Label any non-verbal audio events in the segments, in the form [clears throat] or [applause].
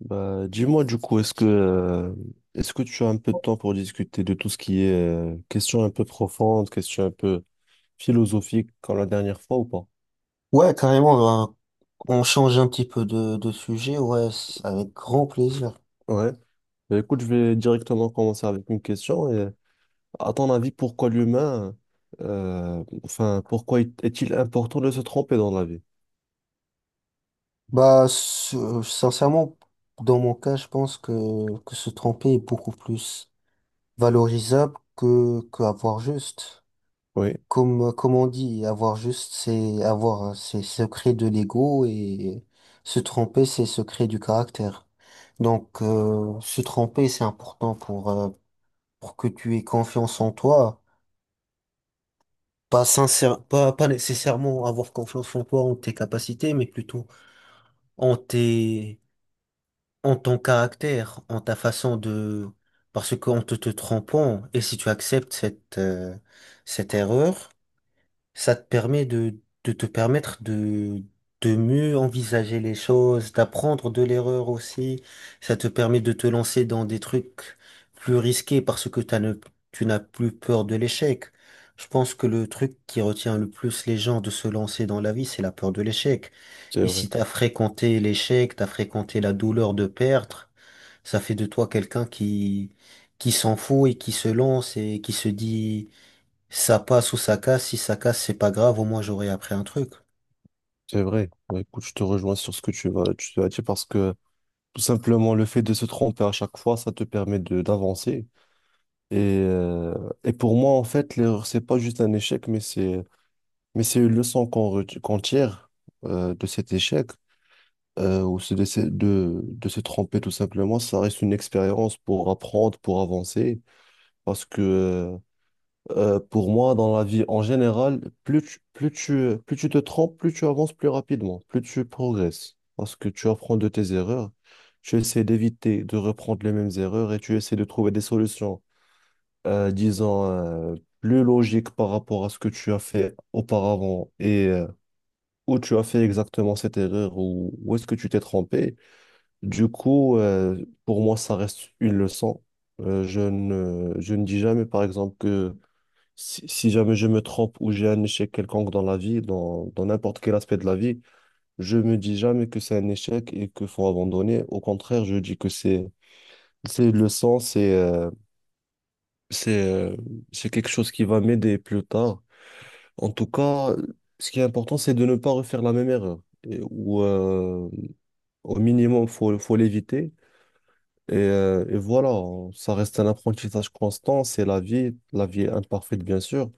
Bah, dis-moi du coup, est-ce que tu as un peu de temps pour discuter de tout ce qui est question un peu profonde, question un peu philosophique comme la dernière fois ou pas? Ouais, carrément, ben, on change un petit peu de sujet, ouais, avec grand plaisir. Ouais. Bah, écoute, je vais directement commencer avec une question. Et, à ton avis, pourquoi l'humain, enfin, pourquoi est-il important de se tromper dans la vie? Bah, sincèrement, dans mon cas, je pense que se tromper est beaucoup plus valorisable que avoir juste. Oui, Comme on dit, avoir juste, c'est avoir ses secrets de l'ego et se tromper, c'est secret du caractère. Donc, se tromper, c'est important pour que tu aies confiance en toi. Pas sincère, pas nécessairement avoir confiance en toi, en tes capacités, mais plutôt en tes en ton caractère, en ta façon de... Parce qu'en te trompant, et si tu acceptes cette, cette erreur, ça te permet de te permettre de mieux envisager les choses, d'apprendre de l'erreur aussi. Ça te permet de te lancer dans des trucs plus risqués parce que t'as ne, tu n'as plus peur de l'échec. Je pense que le truc qui retient le plus les gens de se lancer dans la vie, c'est la peur de l'échec. c'est Et si vrai, t'as fréquenté l'échec, t'as fréquenté la douleur de perdre, ça fait de toi quelqu'un qui s'en fout et qui se lance et qui se dit, ça passe ou ça casse, si ça casse, c'est pas grave, au moins j'aurai appris un truc. c'est vrai. Bah, écoute, je te rejoins sur ce que tu as dit parce que tout simplement le fait de se tromper à chaque fois, ça te permet de d'avancer. Et, euh, et pour moi, en fait, l'erreur, c'est pas juste un échec, mais c'est une leçon qu'on tire de cet échec, ou c'est de se tromper tout simplement. Ça reste une expérience pour apprendre, pour avancer. Parce que Pour moi, dans la vie en général, plus tu te trompes, plus tu avances plus rapidement, plus tu progresses. Parce que tu apprends de tes erreurs, tu essaies d'éviter de reprendre les mêmes erreurs et tu essaies de trouver des solutions disons, plus logique par rapport à ce que tu as fait auparavant et où tu as fait exactement cette erreur ou où est-ce que tu t'es trompé. Du coup, pour moi, ça reste une leçon. Je ne dis jamais, par exemple, que si jamais je me trompe ou j'ai un échec quelconque dans la vie, dans n'importe quel aspect de la vie, je me dis jamais que c'est un échec et qu'il faut abandonner. Au contraire, je dis que c'est une leçon, c'est, euh, c'est quelque chose qui va m'aider plus tard. En tout cas, ce qui est important, c'est de ne pas refaire la même erreur. Et- ou Au minimum, faut l'éviter. Et voilà, ça reste un apprentissage constant, c'est la vie. La vie est imparfaite, bien sûr.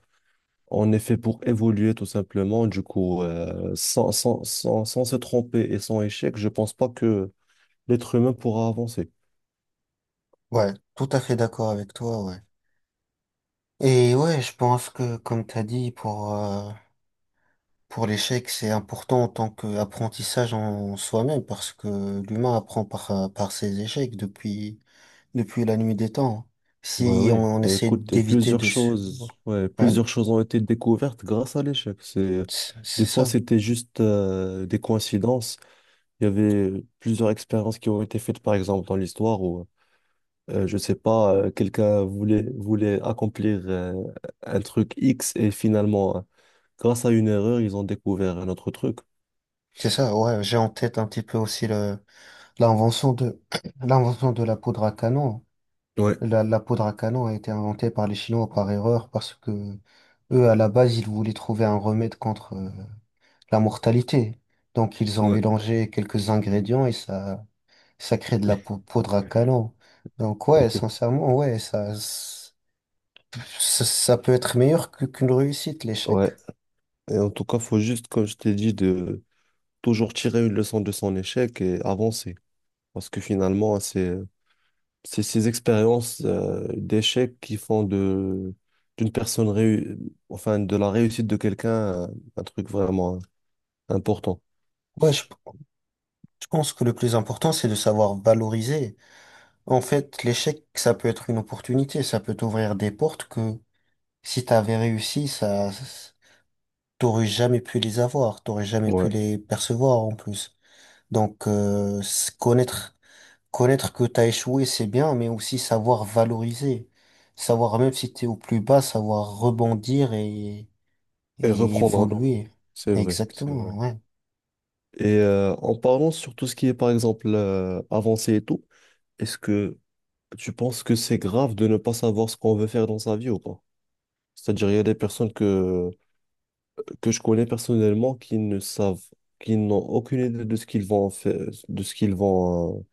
On est fait pour évoluer tout simplement. Du coup, sans se tromper et sans échec, je pense pas que l'être humain pourra avancer. Ouais, tout à fait d'accord avec toi, ouais. Et ouais, je pense que, comme t'as dit, pour l'échec, c'est important en tant qu'apprentissage en soi-même, parce que l'humain apprend par, par ses échecs depuis, depuis la nuit des temps, hein. Bah Si oui, on bah essaie écoute, et d'éviter plusieurs de se... choses, ouais, Ouais, plusieurs choses ont été découvertes grâce à l'échec. Des c'est fois, ça. c'était juste des coïncidences. Il y avait plusieurs expériences qui ont été faites, par exemple, dans l'histoire où, je sais pas, quelqu'un voulait accomplir un truc X et finalement, grâce à une erreur, ils ont découvert un autre truc. C'est ça, ouais, j'ai en tête un petit peu aussi le, l'invention de, [clears throat] l'invention de la poudre à canon. Ouais, La poudre à canon a été inventée par les Chinois par erreur parce que eux, à la base, ils voulaient trouver un remède contre la mortalité. Donc, ils ont ouais. mélangé quelques ingrédients et ça crée de la poudre à canon. Donc, ouais, sincèrement, ouais, ça peut être meilleur qu'une réussite, l'échec. Ouais. Et en tout cas, faut juste, comme je t'ai dit, de toujours tirer une leçon de son échec et avancer. Parce que finalement, c'est ces expériences d'échec qui font de, d'une personne, enfin, de la réussite de quelqu'un, un truc vraiment, hein, important. Ouais, je pense que le plus important, c'est de savoir valoriser. En fait, l'échec, ça peut être une opportunité, ça peut t'ouvrir des portes que si t'avais réussi, ça. T'aurais jamais pu les avoir, t'aurais jamais pu Ouais. les percevoir en plus. Donc connaître connaître que t'as échoué, c'est bien, mais aussi savoir valoriser, savoir même si t'es au plus bas, savoir rebondir Et et reprendre un enfant. évoluer. C'est vrai, c'est vrai. Exactement, ouais. En parlant sur tout ce qui est, par exemple, avancé et tout, est-ce que tu penses que c'est grave de ne pas savoir ce qu'on veut faire dans sa vie ou pas? C'est-à-dire, il y a des personnes que je connais personnellement qui ne savent, qui n'ont aucune idée de ce qu'ils vont faire, de ce qu'ils vont, euh,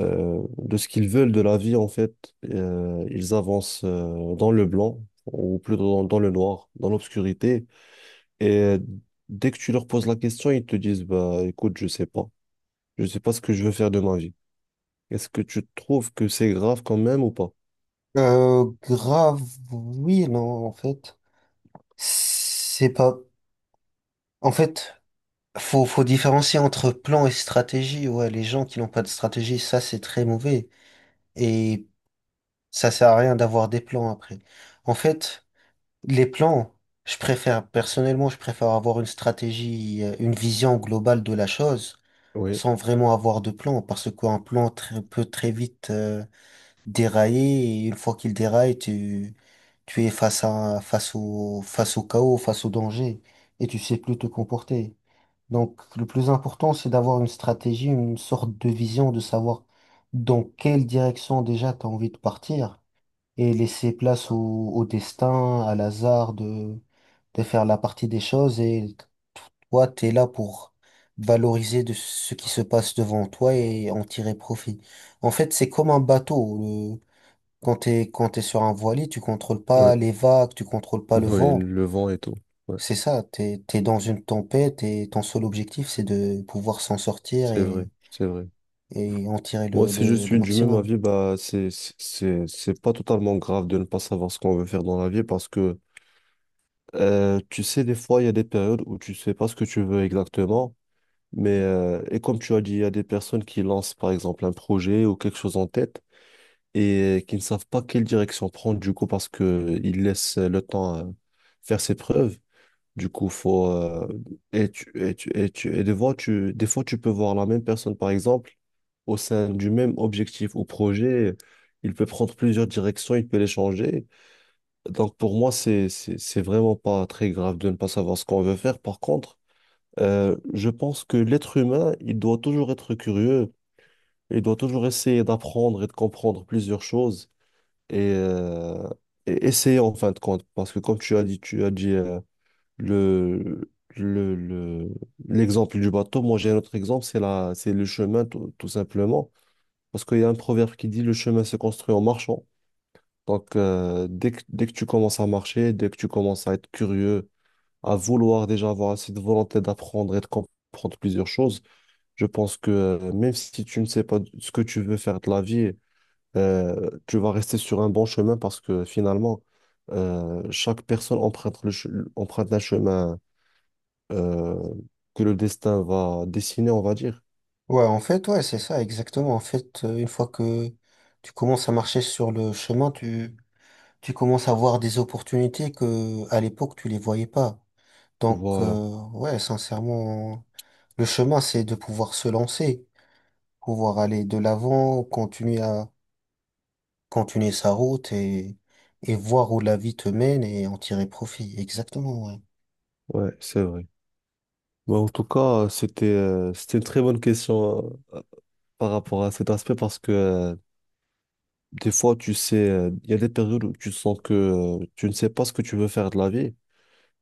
euh, de ce qu'ils veulent de la vie, en fait, ils avancent dans le blanc, ou plutôt dans le noir, dans l'obscurité. Et euh, Dès que tu leur poses la question, ils te disent, bah, écoute, je sais pas. Je sais pas ce que je veux faire de ma vie. Est-ce que tu trouves que c'est grave quand même ou pas? Grave, oui, non, en fait, c'est pas. En fait, faut différencier entre plan et stratégie. Ouais, les gens qui n'ont pas de stratégie, ça c'est très mauvais. Et ça sert à rien d'avoir des plans après. En fait, les plans, personnellement, je préfère avoir une stratégie, une vision globale de la chose, Oui, sans vraiment avoir de plan, parce qu'un peut très vite dérailler, et une fois qu'il déraille, tu es face au chaos, face au danger, et tu sais plus te comporter. Donc, le plus important, c'est d'avoir une stratégie, une sorte de vision, de savoir dans quelle direction déjà tu as envie de partir et laisser place au destin, à l'hasard de faire la partie des choses. Et toi, tu es là pour valoriser de ce qui se passe devant toi et en tirer profit. En fait, c'est comme un bateau. Le, quand t'es sur un voilier, tu contrôles oui, pas les vagues, tu contrôles [laughs] pas le oui, vent. le vent et tout. Ouais, C'est ça, t'es dans une tempête et ton seul objectif, c'est de pouvoir s'en sortir c'est vrai, c'est vrai. et en tirer Moi, si je le suis du même maximum. avis, bah, c'est pas totalement grave de ne pas savoir ce qu'on veut faire dans la vie parce que tu sais, des fois, il y a des périodes où tu sais pas ce que tu veux exactement, et comme tu as dit, il y a des personnes qui lancent par exemple un projet ou quelque chose en tête et qui ne savent pas quelle direction prendre du coup parce que ils laissent le temps faire ses preuves. Du coup, faut et tu et tu et tu et des fois tu peux voir la même personne par exemple au sein du même objectif ou projet, il peut prendre plusieurs directions, il peut les changer. Donc pour moi, c'est vraiment pas très grave de ne pas savoir ce qu'on veut faire. Par contre, je pense que l'être humain, il doit toujours être curieux, il doit toujours essayer d'apprendre et de comprendre plusieurs choses et, euh, et essayer en fin de compte. Parce que comme tu as dit le, le, le- l'exemple du bateau, moi j'ai un autre exemple, c'est le chemin tout, tout simplement. Parce qu'il y a un proverbe qui dit le chemin se construit en marchant. Donc, dès que tu commences à marcher, dès que tu commences à être curieux, à vouloir déjà avoir assez de volonté d'apprendre et de comprendre plusieurs choses, je pense que même si tu ne sais pas ce que tu veux faire de la vie, tu vas rester sur un bon chemin parce que finalement, chaque personne emprunte un chemin euh, que le destin va dessiner, on va dire. Ouais, en fait, ouais, c'est ça, exactement. En fait, une fois que tu commences à marcher sur le chemin, tu commences à voir des opportunités que, à l'époque, tu les voyais pas. Donc, Voilà, ouais, sincèrement, le chemin, c'est de pouvoir se lancer, pouvoir aller de l'avant, continuer à, continuer sa route et voir où la vie te mène et en tirer profit. Exactement, ouais. ouais, c'est vrai. Bah, en tout cas, c'était une très bonne question par rapport à cet aspect parce que... des fois, tu sais, il y a des périodes où tu sens que tu ne sais pas ce que tu veux faire de la vie.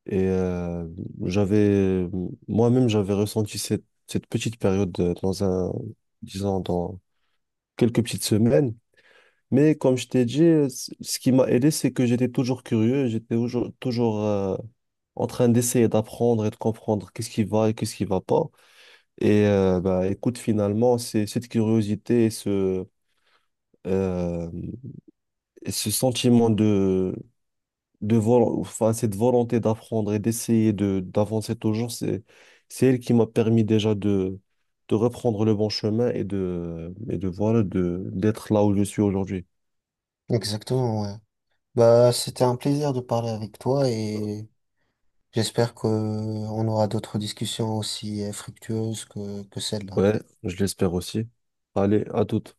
Et euh, j'avais, Moi-même, j'avais ressenti cette petite période dans un, disons, dans quelques petites semaines. Mais comme je t'ai dit, ce qui m'a aidé, c'est que j'étais toujours curieux, toujours en train d'essayer d'apprendre et de comprendre qu'est-ce qui va et qu'est-ce qui va pas. Et bah, écoute, finalement, c'est cette curiosité euh, et ce sentiment de enfin, cette volonté d'apprendre et d'essayer de d'avancer toujours, c'est elle qui m'a permis déjà de reprendre le bon chemin et de voilà de d'être là où je suis aujourd'hui. Exactement, ouais. Bah, c'était un plaisir de parler avec toi et j'espère que on aura d'autres discussions aussi fructueuses que celle-là. Ouais, je l'espère aussi. Allez, à toute.